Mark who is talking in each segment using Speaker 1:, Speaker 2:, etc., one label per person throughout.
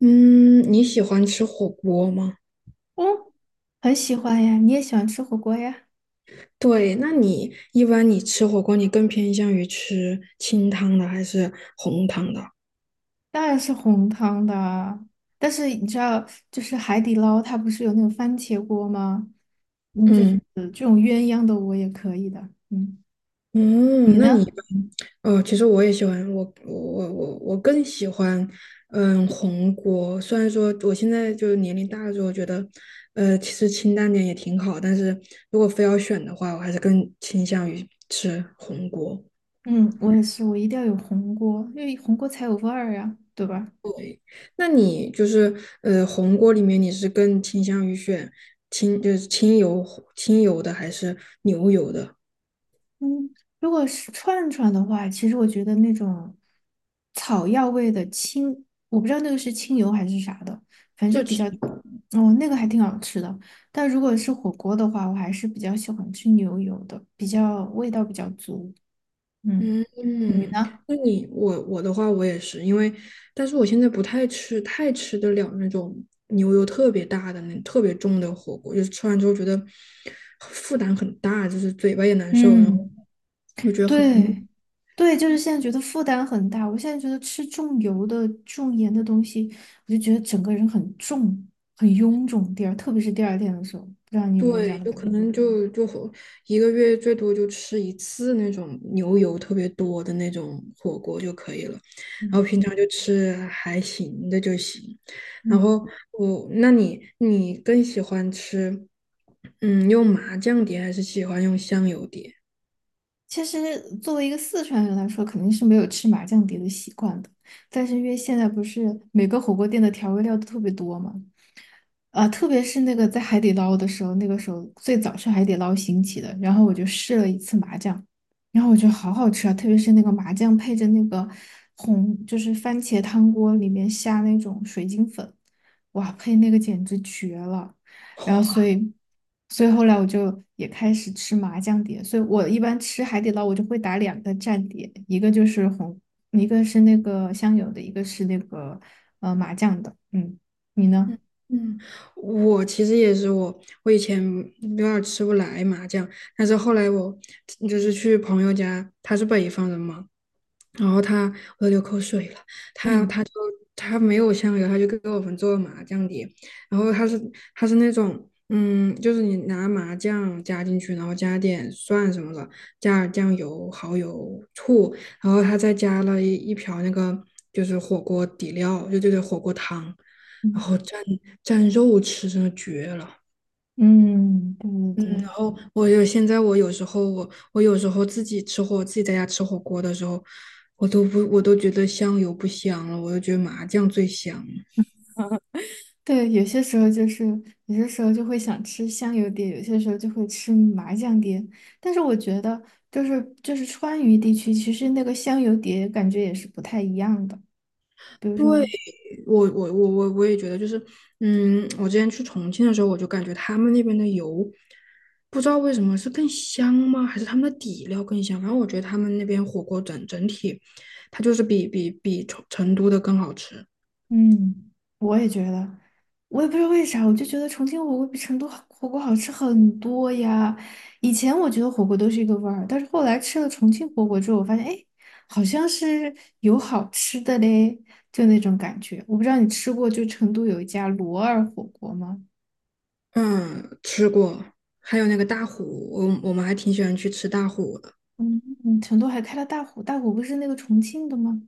Speaker 1: 嗯，你喜欢吃火锅吗？
Speaker 2: 嗯，很喜欢呀，你也喜欢吃火锅呀？
Speaker 1: 对，那你一般吃火锅，你更偏向于吃清汤的还是红汤的？
Speaker 2: 当然是红汤的啊，但是你知道，就是海底捞它不是有那种番茄锅吗？嗯，就是
Speaker 1: 嗯，
Speaker 2: 呃这种鸳鸯的我也可以的。嗯，你
Speaker 1: 嗯，那你
Speaker 2: 呢？
Speaker 1: 哦，呃其实我也喜欢，我更喜欢，嗯，红锅。虽然说我现在就是年龄大了之后，觉得，其实清淡点也挺好，但是如果非要选的话，我还是更倾向于吃红锅。
Speaker 2: 嗯，我也是，我一定要有红锅，因为红锅才有味儿呀，对吧？
Speaker 1: 那你就是红锅里面你是更倾向于选就是清油的还是牛油的？
Speaker 2: 嗯，如果是串串的话，其实我觉得那种草药味的清，我不知道那个是清油还是啥的，反正
Speaker 1: 就
Speaker 2: 就比
Speaker 1: 清
Speaker 2: 较，哦，那个还挺好吃的。但如果是火锅的话，我还是比较喜欢吃牛油的，比较味道比较足。嗯，
Speaker 1: 嗯
Speaker 2: 你
Speaker 1: 嗯，
Speaker 2: 呢？
Speaker 1: 那你我的话我也是，因为但是我现在不太吃得了那种牛油特别大的那特别重的火锅，就是吃完之后觉得负担很大，就是嘴巴也难受，然后
Speaker 2: 嗯，
Speaker 1: 我觉得很腻。
Speaker 2: 对，对，就是现在觉得负担很大。我现在觉得吃重油的、重盐的东西，我就觉得整个人很重、很臃肿。第二，特别是第二天的时候，不知道你有没有这样
Speaker 1: 对，
Speaker 2: 的
Speaker 1: 就
Speaker 2: 感
Speaker 1: 可
Speaker 2: 觉？
Speaker 1: 能就和一个月最多就吃一次那种牛油特别多的那种火锅就可以了，然后
Speaker 2: 嗯
Speaker 1: 平常就吃还行的就行。然
Speaker 2: 嗯，
Speaker 1: 后我，那你你更喜欢吃，嗯，用麻酱碟还是喜欢用香油碟？
Speaker 2: 其实作为一个四川人来说，肯定是没有吃麻酱碟的习惯的。但是因为现在不是每个火锅店的调味料都特别多嘛，啊，特别是那个在海底捞的时候，那个时候最早是海底捞兴起的，然后我就试了一次麻酱，然后我觉得好好吃啊，特别是那个麻酱配着那个红，就是番茄汤锅里面下那种水晶粉，哇，配那个简直绝了。然后所
Speaker 1: 哇，
Speaker 2: 以，所以后来我就也开始吃麻酱碟，所以我一般吃海底捞我就会打两个蘸碟，一个就是红，一个是那个香油的，一个是那个麻酱的，嗯，你呢？
Speaker 1: 嗯嗯，我其实也是我，我以前有点儿吃不来麻酱，但是后来我就是去朋友家，他是北方人嘛，然后他，我都流口水了。他就 他没有香油，他就给我们做麻酱碟。然后他是那种，嗯，就是你拿麻酱加进去，然后加点蒜什么的，加点酱油、蚝油、醋，然后他再加了一瓢那个就是火锅底料，就是火锅汤，然
Speaker 2: 嗯，
Speaker 1: 后蘸肉吃，真的绝了。
Speaker 2: 嗯对对对。
Speaker 1: 哦，现在我有时候自己吃火，自己在家吃火锅的时候，我都不我都觉得香油不香了，我都觉得麻酱最香。
Speaker 2: 对，有些时候就是，有些时候就会想吃香油碟，有些时候就会吃麻酱碟。但是我觉得，就是川渝地区，其实那个香油碟感觉也是不太一样的。比如
Speaker 1: 对，
Speaker 2: 说。
Speaker 1: 我也觉得就是，嗯，我之前去重庆的时候，我就感觉他们那边的油，不知道为什么是更香吗？还是他们的底料更香？反正我觉得他们那边火锅整体，它就是比成都的更好吃。
Speaker 2: 嗯，我也觉得，我也不知道为啥，我就觉得重庆火锅比成都好火锅好吃很多呀。以前我觉得火锅都是一个味儿，但是后来吃了重庆火锅之后，我发现，哎，好像是有好吃的嘞，就那种感觉。我不知道你吃过，就成都有一家罗二火锅吗？
Speaker 1: 嗯，吃过，还有那个大虎，我们还挺喜欢去吃大虎的。
Speaker 2: 嗯，嗯成都还开了大虎，大虎不是那个重庆的吗？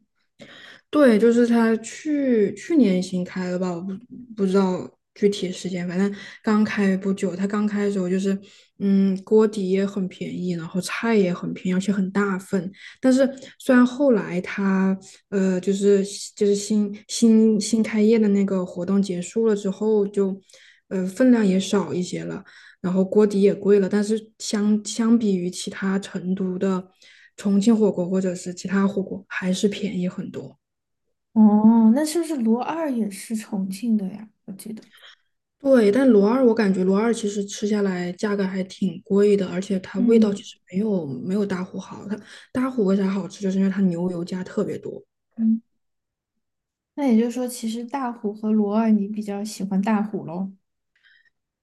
Speaker 1: 对，就是他去年新开的吧，我不不知道具体时间，反正刚开不久。他刚开的时候就是，嗯，锅底也很便宜，然后菜也很便宜，而且很大份。但是虽然后来他就是新开业的那个活动结束了之后就，分量也少一些了，然后锅底也贵了，但是相比于其他成都的重庆火锅或者是其他火锅，还是便宜很多。
Speaker 2: 哦，那是不是罗二也是重庆的呀？我记得，
Speaker 1: 对，但罗二，我感觉罗二其实吃下来价格还挺贵的，而且它味道
Speaker 2: 嗯。
Speaker 1: 其实没有大虎好。它大虎为啥好吃，就是因为它牛油加特别多。
Speaker 2: 嗯。那也就是说，其实大虎和罗二你比较喜欢大虎喽。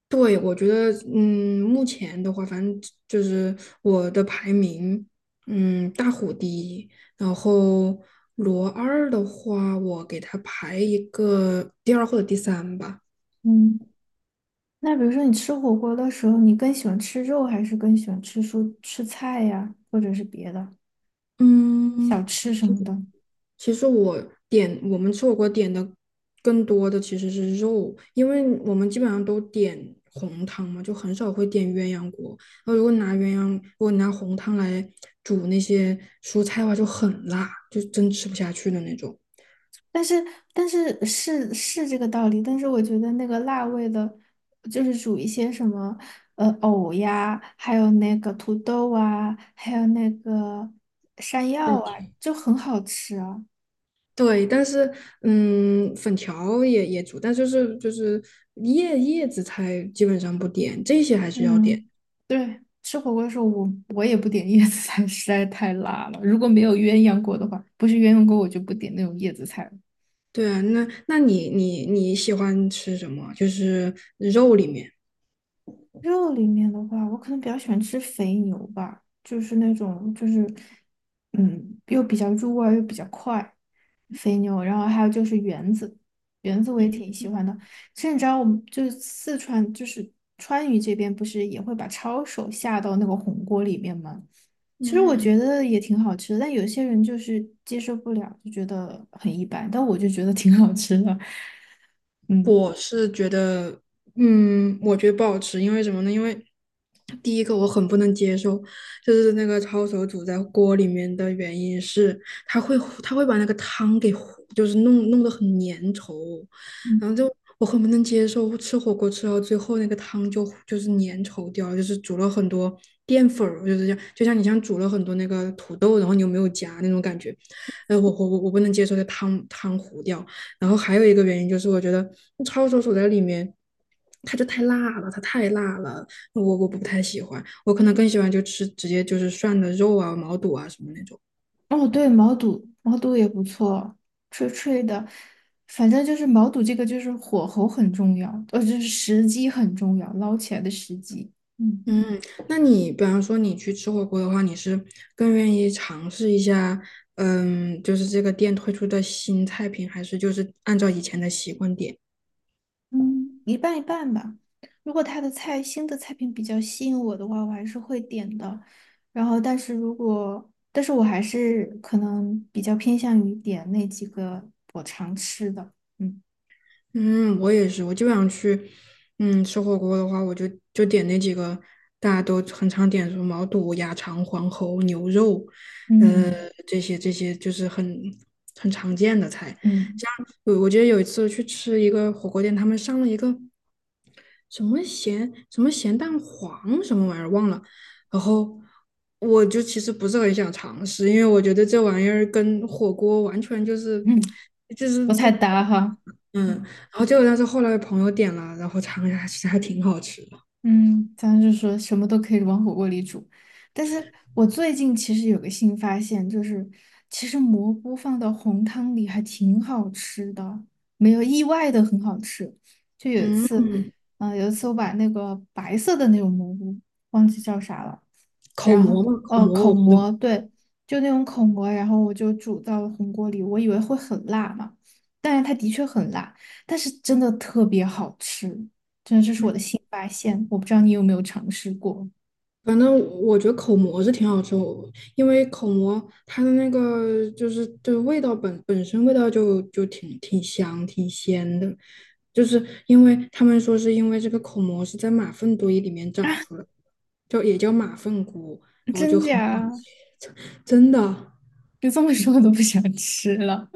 Speaker 1: 对，我觉得，嗯，目前的话，反正就是我的排名，嗯，大虎第一，然后罗二的话，我给它排一个第二或者第三吧。
Speaker 2: 嗯，那比如说你吃火锅的时候，你更喜欢吃肉，还是更喜欢吃蔬吃菜呀，或者是别的小
Speaker 1: 嗯，
Speaker 2: 吃什么的？
Speaker 1: 其实我点，我们吃火锅,点的更多的其实是肉，因为我们基本上都点红汤嘛，就很少会点鸳鸯锅。然后如果拿红汤来煮那些蔬菜的话，就很辣，就真吃不下去的那种。
Speaker 2: 但是但是这个道理，但是我觉得那个辣味的，就是煮一些什么藕呀，还有那个土豆啊，还有那个山
Speaker 1: 问
Speaker 2: 药啊，
Speaker 1: 题。
Speaker 2: 就很好吃啊。
Speaker 1: 对，但是嗯，粉条也煮，但就是叶子菜基本上不点，这些还是要点。
Speaker 2: 嗯，对，吃火锅的时候我也不点叶子菜，实在太辣了。如果没有鸳鸯锅的话，不是鸳鸯锅，我就不点那种叶子菜了。
Speaker 1: 对啊，那那你喜欢吃什么？就是肉里面。
Speaker 2: 肉里面的话，我可能比较喜欢吃肥牛吧，就是那种就是，嗯，又比较入味儿又比较快，肥牛。然后还有就是圆子，圆子我也
Speaker 1: 嗯。
Speaker 2: 挺喜欢的。其实你知道，我们就是四川，就是川渝这边不是也会把抄手下到那个红锅里面吗？其实我
Speaker 1: 嗯，
Speaker 2: 觉得也挺好吃的，但有些人就是接受不了，就觉得很一般。但我就觉得挺好吃的，嗯
Speaker 1: 我是觉得，嗯，我觉得不好吃，因为什么呢？因为第一个我很不能接受，就是那个抄手煮在锅里面的原因是，它会把那个汤给糊，就是弄得很粘稠，
Speaker 2: 嗯。
Speaker 1: 然后就我很不能接受，吃火锅吃到最后那个汤就是粘稠掉了，就是煮了很多淀粉儿，就是像，就像你像煮了很多那个土豆，然后你又没有夹那种感觉，呃，我不能接受这汤糊掉。然后还有一个原因就是，我觉得抄手在里面，它太辣了，我不太喜欢，我可能更喜欢就吃直接就是涮的肉啊、毛肚啊什么那种。
Speaker 2: 哦，对，毛肚，毛肚也不错，脆脆的。反正就是毛肚这个，就是火候很重要，就是时机很重要，捞起来的时机。嗯
Speaker 1: 嗯，那你比方说你去吃火锅的话，你是更愿意尝试一下，嗯，就是这个店推出的新菜品，还是就是按照以前的习惯点？
Speaker 2: 嗯，一半一半吧。如果他的菜，新的菜品比较吸引我的话，我还是会点的。然后，但是如果，但是我还是可能比较偏向于点那几个我常吃的。嗯
Speaker 1: 嗯，我也是，我就想去，嗯，吃火锅的话，就点那几个大家都很常点，什么毛肚、鸭肠、黄喉、牛肉，呃，
Speaker 2: 嗯
Speaker 1: 这些就是很常见的菜。
Speaker 2: 嗯
Speaker 1: 像我记得有一次去吃一个火锅店，他们上了一个什么咸，蛋黄什么玩意儿忘了，然后我就其实不是很想尝试，因为我觉得这玩意儿跟火锅完全就是
Speaker 2: 嗯，
Speaker 1: 就是
Speaker 2: 不太
Speaker 1: 不。
Speaker 2: 搭哈。
Speaker 1: 嗯，然
Speaker 2: 嗯。
Speaker 1: 后结果但是后来朋友点了，然后尝了一下，其实还挺好吃的。
Speaker 2: 嗯，咱就说什么都可以往火锅里煮，但是我最近其实有个新发现，就是其实蘑菇放到红汤里还挺好吃的，没有意外的很好吃。就有一次，
Speaker 1: 嗯，
Speaker 2: 嗯、有一次我把那个白色的那种蘑菇忘记叫啥了。
Speaker 1: 口
Speaker 2: 然后
Speaker 1: 蘑嘛，口蘑
Speaker 2: 口
Speaker 1: 我知道，
Speaker 2: 蘑，对，就那种口蘑，然后我就煮到红锅里，我以为会很辣嘛，但是它的确很辣，但是真的特别好吃，真的这是我
Speaker 1: 嗯，
Speaker 2: 的新发现，我不知道你有没有尝试过，
Speaker 1: 反正我觉得口蘑是挺好吃，我因为口蘑它的那个就是就是味道本身味道就挺香挺鲜的，就是因为他们说是因为这个口蘑是在马粪堆里面长出来的，就也叫马粪菇，然后就
Speaker 2: 真
Speaker 1: 很好
Speaker 2: 假？
Speaker 1: 吃，真的。
Speaker 2: 你这么说我都不想吃了。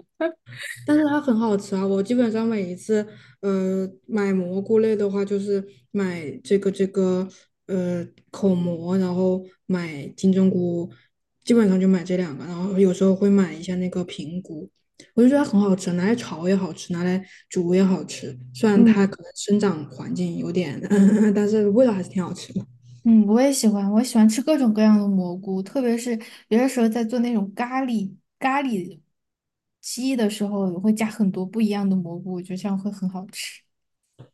Speaker 1: 但是它很好吃啊！我基本上每一次，呃，买蘑菇类的话，就是买这个这个，呃，口蘑，然后买金针菇，基本上就买这两个，然后有时候会买一下那个平菇，我就觉得它很好吃，拿来炒也好吃，拿来煮也好吃。虽然它
Speaker 2: 嗯
Speaker 1: 可能生长环境有点 但是味道还是挺好吃的。
Speaker 2: 嗯，我也喜欢，我喜欢吃各种各样的蘑菇，特别是有的时候在做那种咖喱鸡的时候，我会加很多不一样的蘑菇，我觉得这样会很好吃，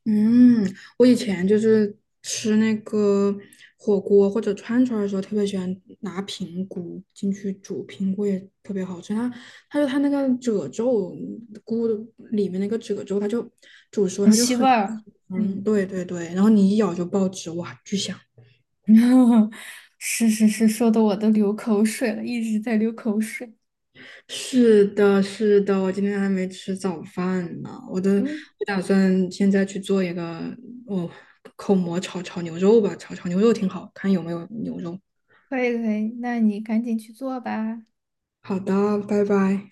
Speaker 1: 嗯，我以前就是吃那个火锅或者串串儿的时候，特别喜欢拿平菇进去煮，平菇也特别好吃。它，它那个褶皱，菇的里面那个褶皱，它就煮熟，
Speaker 2: 很
Speaker 1: 它就
Speaker 2: 吸味
Speaker 1: 很，
Speaker 2: 儿。
Speaker 1: 嗯，
Speaker 2: 嗯。
Speaker 1: 对对对，然后你一咬就爆汁，哇，巨香。
Speaker 2: 是是是，说的我都流口水了，一直在流口水。
Speaker 1: 是的，是的，我今天还没吃早饭呢，我的，
Speaker 2: 嗯，
Speaker 1: 我打算现在去做一个，哦，口蘑炒牛肉吧，炒牛肉挺好，看有没有牛肉。
Speaker 2: 可以可以，那你赶紧去做吧。
Speaker 1: 好的，拜拜。